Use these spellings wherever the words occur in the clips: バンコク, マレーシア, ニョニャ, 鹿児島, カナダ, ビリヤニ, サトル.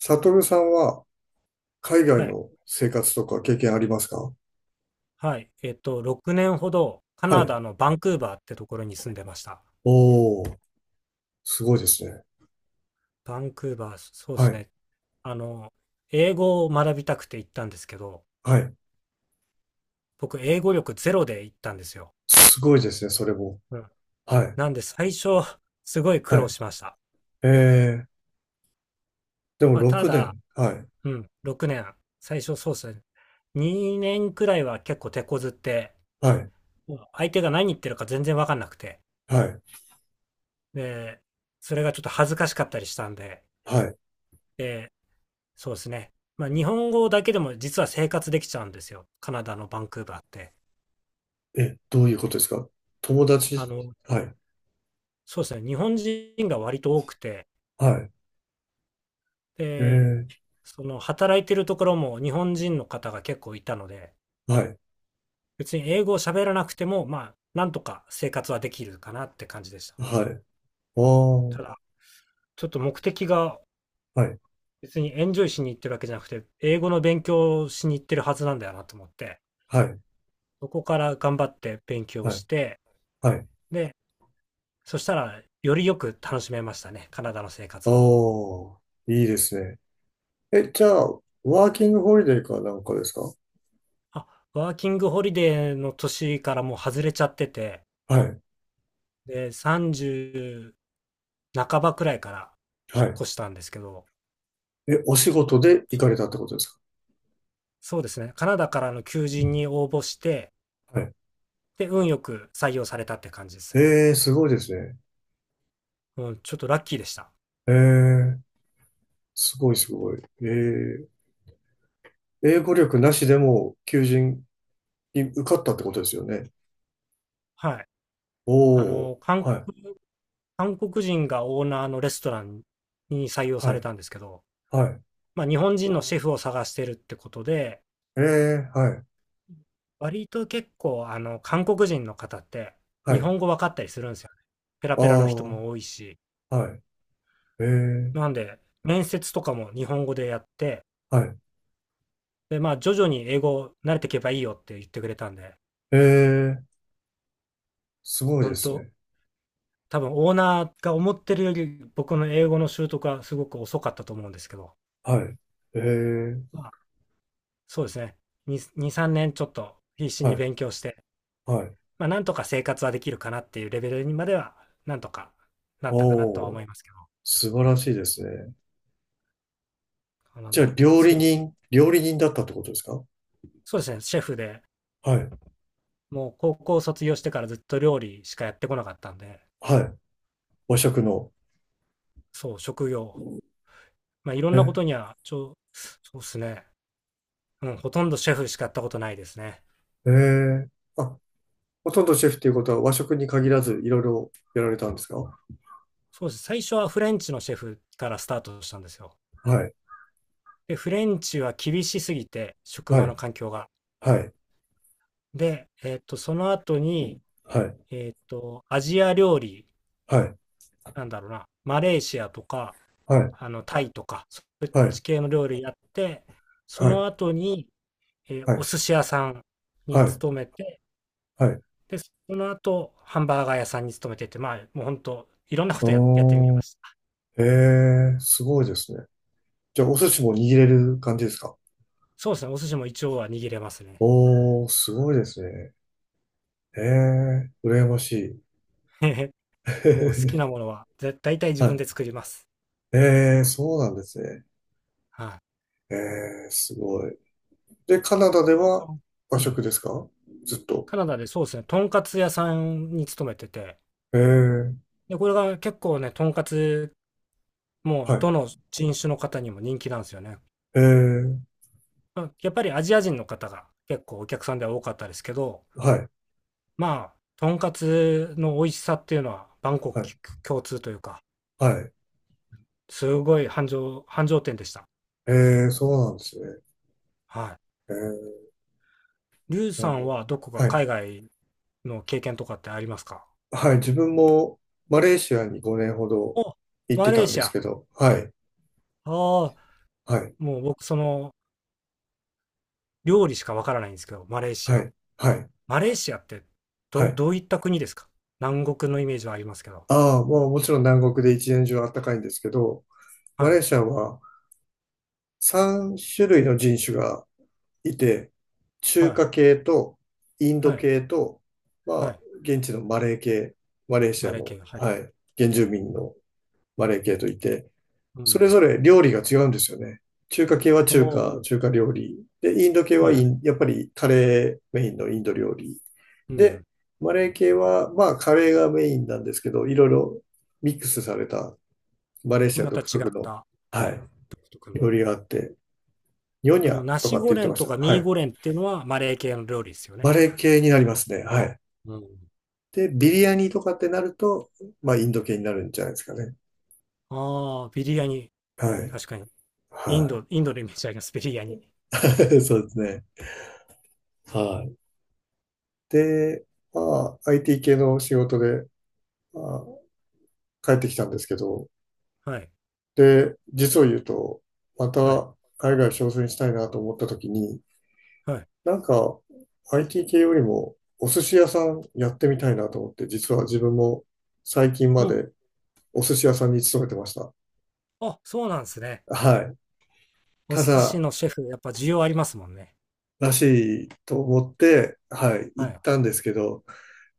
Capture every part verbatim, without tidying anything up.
サトルさんは海は外い。の生活とか経験ありますか？はい。えっと、ろくねんほどカはナい。ダのバンクーバーってところに住んでました。おー、すごいですね。バンクーバー、そうではすい、ね。あの、英語を学びたくて行ったんですけど、はい。僕、英語力ゼロで行ったんですよ。すごいですね、それも。うん。はい、なんで、最初、すごい苦は労い。しました。えー、でもまあ、た6だ、年。はい、うん、ろくねん、最初そうですね。にねんくらいは結構手こずって、はい、相手が何言ってるか全然わかんなくて、はい、で、それがちょっと恥ずかしかったりしたんで、はい。でそうですね。まあ、日本語だけでも実は生活できちゃうんですよ。カナダのバンクーバーって。え、どういうことですか？友達。あの、はい、そうですね。日本人が割と多くて、はい。えで、ー、その働いてるところも日本人の方が結構いたので、はい、別に英語を喋らなくても、まあ、なんとか生活はできるかなって感じでした。はい。おー、ただ、ちょっと目的がはい、別にエンジョイしに行ってるわけじゃなくて、英語の勉強をしに行ってるはずなんだよなと思って、はい、そこから頑張って勉強はい、して、はい。で、そしたら、よりよく楽しめましたね、カナダの生活を。おー、いいですね。え、じゃあ、ワーキングホリデーかなんかですか？あ、ワーキングホリデーの年からもう外れちゃってて、はい、で、さんじゅう半ばくらいからは引っい。越したんですけど、え、お仕事で行かれそたってことですか？そうですね、カナダからの求人に応募して、はい。で、運よく採用されたって感じですね。ええ、すごいですね。うん、ちょっとラッキーでした。ええ、すごいすごい。ええ、英語力なしでも求人に受かったってことですよね。はい。あおお、の、韓はい、国韓国人がオーナーのレストランに採用はされい、たんですけど、はい。まあ、日本人のシェフを探してるってことで、ええ、はい、割と結構、あの、韓国人の方っては日い。本語分かったりするんですよね。ペラあペラの人も多あ、いし。はい。ええ、なんで、面接とかも日本語でやって、はい。で、まあ、徐々に英語慣れていけばいいよって言ってくれたんで、ええ、すごいで本す当ね。多分オーナーが思ってるより僕の英語の習得はすごく遅かったと思うんですけど、はい。ええ、まあ、そうですね。に、に、さんねんちょっと必死はにい、勉強して、はい。まあ、なんとか生活はできるかなっていうレベルにまでは、なんとかなったかなとはお思お、いますけど、素晴らしいですね。なのじゃで、あ、料す理ごい人、料理人だったってことですか？そうですね、シェフで、はい、もう高校卒業してからずっと料理しかやってこなかったんで、はい。和食の。そう、職業、まあ、いろんなえことには、ちょそうですね、うん、ほとんどシェフしかやったことないですね。ええ。あ、ほとんどシェフっていうことは和食に限らずいろいろやられたんですか？そうです。最初はフレンチのシェフからスタートしたんですよ。はい、で、フレンチは厳しすぎて、職は場のい、環境が。はい、で、えっと、その後に、はい、えっと、アジア料理、はい、なんだろうな、マレーシアとか、はい、あの、タイとか、そっはい、ち系の料理やって、そはい、の後に、えーはおい、寿司屋さんにはい、勤めて、はい。で、その後、ハンバーガー屋さんに勤めてて、まあ、もう本当、いろんなことや、やってみおまー、した。ええ、すごいですね。じゃあお寿司も握れる感じですか？そうですね、お寿司も一応は握れますね。おー、すごいですね。ええ、羨ましい。もう好きなも のは、だ、大体自は分でい。作ります。ええ、そうなんですね。はええ、すごい。で、カナダでい。リーさはん和うん。食ですか？ずっと。カナダでそうですね、とんかつ屋さんに勤めてて、ええ、で、これが結構ね、とんかつ、もうはどい。の人種の方にも人気なんですよね。ええ、まあやっぱりアジア人の方が結構お客さんでは多かったですけど、はい。まあ、とんかつの美味しさっていうのは、万国はい。共通というか、はい。すごい繁盛、繁盛店でした。えー、そうなんですね。はえー、い。リュウなさるほんはどこど。かはい。海外の経験とかってありますか？はい。自分もマレーシアにごねんほどお、行っマてレたーんでシア。すあけど、はい。あ、はい。もう僕、その、料理しかわからないんですけど、マレーシはア。い。はい。マレーシアって、はど、い。どういった国ですか？南国のイメージはありますけど。ああ、まあもちろん南国で一年中暖かいんですけど、はマレーい、シアはさん種類の人種がいて、は中い、華系とインはドい、系と、まはあ、い。現地のマレー系、マレーシマアレーの、系が、はい。はい、原住民のマレー系といて、うそれん。ぞれ料理が違うんですよね。中華系はお中華、中ー、華料理。で、インド系ははい、はイい。ンやっぱりカレーメインのインド料理。うで、ん。マレー系は、まあカレーがメインなんですけど、いろいろミックスされたマレーシアまた独違特っの、たはい、独特料の。理があって、ニョニあの、ャナとかシってゴ言っレてンましとたね。かはミーい。ゴレンっていうのはマレー系の料理ですよマね。レー系になりますね。はい。うん。で、ビリヤニとかってなると、まあインド系になるんじゃないですかね。ああ、ビリヤニ。はい。確かに。インはド、インドのイメージあります、ビリヤニ。い。そうですね。はい。で、まあ、アイティー 系の仕事で、まあ、帰ってきたんですけど、はい。で、実を言うと、まはい。た海外挑戦したいなと思った時に、はい。なんか アイティー 系よりもお寿司屋さんやってみたいなと思って、実は自分も最近まうん。でお寿司屋さんに勤めてました。あ、そうなんですね。はい。おた寿司だ、のシェフ、やっぱ需要ありますもんね。らしいと思って、はい、は行っい。たんですけど、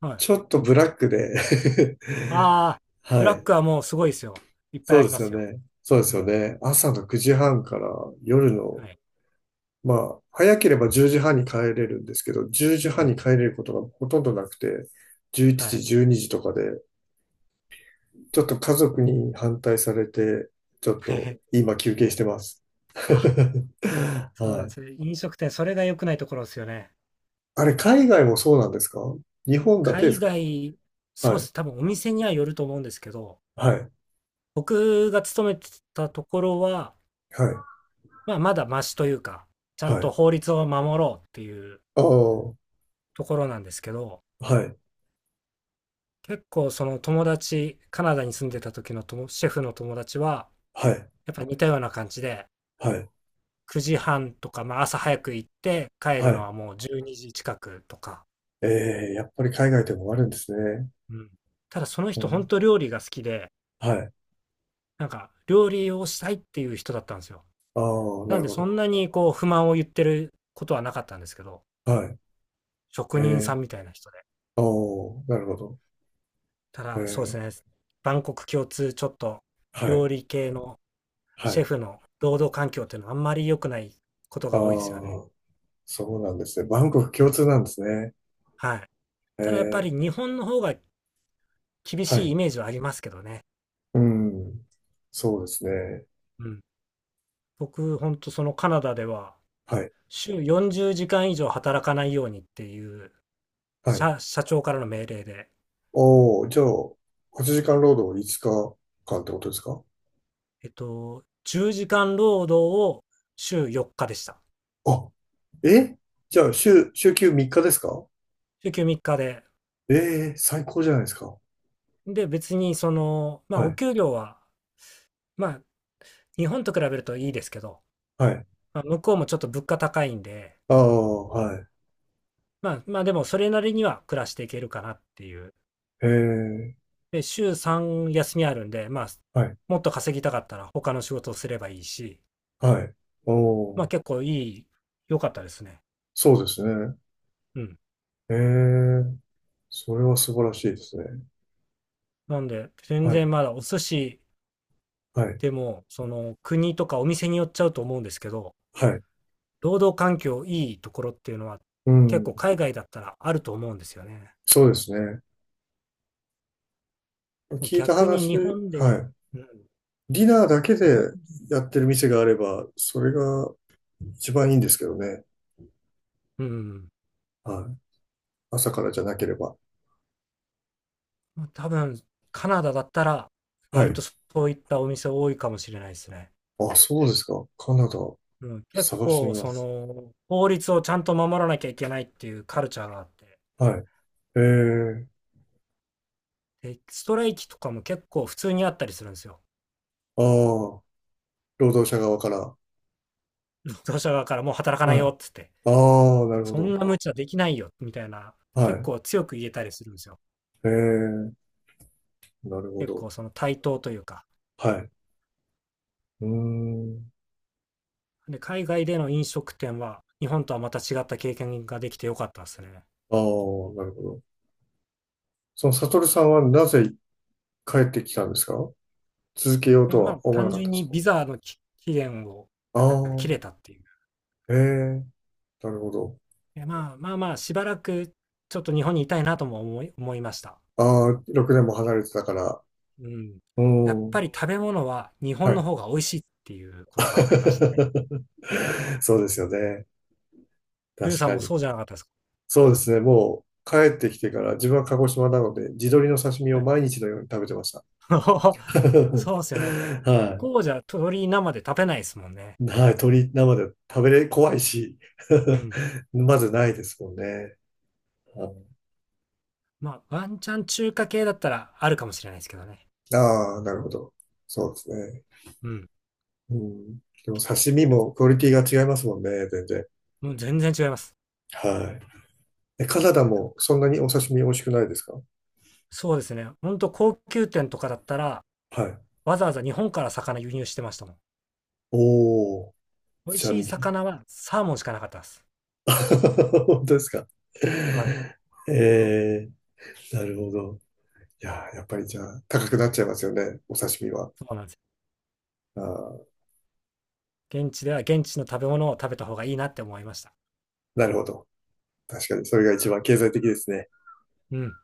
はい。ちょっとブラックで ああ、ブはラッい。クはもうすごいですよ。いっぱいそうあでりますよすよ。ね。そうですうよん。ね。朝のくじはんから夜の、はい。まあ、早ければじゅうじはんに帰れるんですけど、10う時半にん。帰れることがほとんどなくて、11は時、い。じゅうにじとかで、ちょっと家族に反対されて、ちょっと 今休憩してます。あ、そうはなんでい。すね。飲食店、それが良くないところですよね。あれ、海外もそうなんですか？日本だけで海すか？外、そうはでい。す。多分お店にはよると思うんですけど、はい。僕が勤めてたところは、はい。まあ、まだマシというか、ちゃんはとい。法律を守ろうっていうああ、はところなんですけど、い。結構その友達、カナダに住んでた時のともシェフの友達は、はい。やっぱ似たような感じで、はい。くじはんとか、まあ、朝早く行って帰はるのい。はもうじゅうにじ近くとか、ええ、やっぱり海外でもあるんですね。うん、ただそのう人本ん。当料理が好きで、はい。なんか料理をしたいっていう人だったんですよ。ああ、ななんるでほそど。んなにこう不満を言ってることはなかったんですけど、はい。え職人さえ。んみたいな人で。ああ、なるほど。たえだ、そうですえ。ね、万国共通、ちょっとはい。料理系のはシェい。フの労働環境っていうのはあんまり良くないことあが多いですよね。あ、そうなんですね。バンコク共通なんですね。はい。えただやっぱりえ。日本の方が厳はしいい。イメージはありますけどね。うん。そうですね。うん。僕、ほんとそのカナダでは、はい。週よんじゅうじかん以上働かないようにっていうはい。社、社長からの命令で、おお、じゃあ、はちじかん労働いつかかんってことですか？えっと、じゅうじかん労働を週よっかでした。あ、え、じゃあ、週、週休みっかですか？週休みっかで。ええ、最高じゃないですか。で、別にその、まあ、はおい。給料は、まあ、日本と比べるといいですけど、はい。まあ、向こうもちょっと物価高いんで、ああ、はい。まあ、まあでもそれなりには暮らしていけるかなっていう。ええ。で、週さん休みあるんで、まあ、はい。もっと稼ぎたかったら他の仕事をすればいいし、はい。おまあお、結構いい、良かったですね。そうですね。うん。ええ。それは素晴らしいですね。なんで、全は然い。まだお寿司はい。でも、その国とかお店によっちゃうと思うんですけど、はい。労働環境いいところっていうのはう結構ん。海外だったらあると思うんですよね。そうですね。もう聞いた逆に話、日本はで、い。うん、ディナーだけ日本、でやってる店があれば、それが一番いいんですけどね。うん。はい。朝からじゃなければ。もう多分、カナダだったら、は割とい。そういったお店多いかもしれないですね。あ、そうですか。カナダ、うん、結探してみ構、まそす。の、法律をちゃんと守らなきゃいけないっていうカルチャーがあって、はい。えー、で、ストライキとかも結構普通にあったりするんですよ。ああ、労働者側から。労働者側からもう働かないはい。よあっつって、あ、なるほそど。んな無茶できないよみたいな、は結い。構強く言えたりするんですよ。えー、なるほ結ど。構その対等というか。はい。うーん。で、海外での飲食店は、日本とはまた違った経験ができてよかったですね。ああ、なるほど。その、サトルさんはなぜ帰ってきたんですか？続けようで、とまあ、は思わな単かったん純でにすビザのき期限をか？あ切れたあ、っていう。ええ、なるほど。いや、まあまあまあ、しばらくちょっと日本にいたいなとも思い、思いました。ああ、ろくねんも離れてたから。うん。うやっぱん、り食べ物は日は本のい。方が美味しいっていうことが分かりましたね。そうですよね。リュウ確さかんもに。そうじゃなかったですか？そうですね。もう帰ってきてから自分は鹿児島なので、地鶏の刺身はをい。毎日のように食べてました。はそうですよね。い。向はい。こうじゃ鶏生で食べないですもんね。鶏生で食べれ、怖いし。うん。まずないですもんね。まあ、ワンチャン中華系だったらあるかもしれないですけどね。ああー、なるほど。そうですね。うん。うん。でも刺身こう、もクオ僕、リティが違いますもんね、全然。もう全然違います。はい。え、カナダもそんなにお刺身美味しくないですか？そうですね。ほんと高級店とかだったら、はい。わざわざ日本から魚輸入してましたもん。おー。美味じゃしん、い魚はサーモンしかなかったです。本当ですか。はい、えー、なるほど。いやー、やっぱりじゃあ、高くなっちゃいますよね、お刺身は。そうなんですよ。あー、現地では現地の食べ物を食べた方がいいなって思いました。なるほど。確かに、それが一番経済的ですね。うん。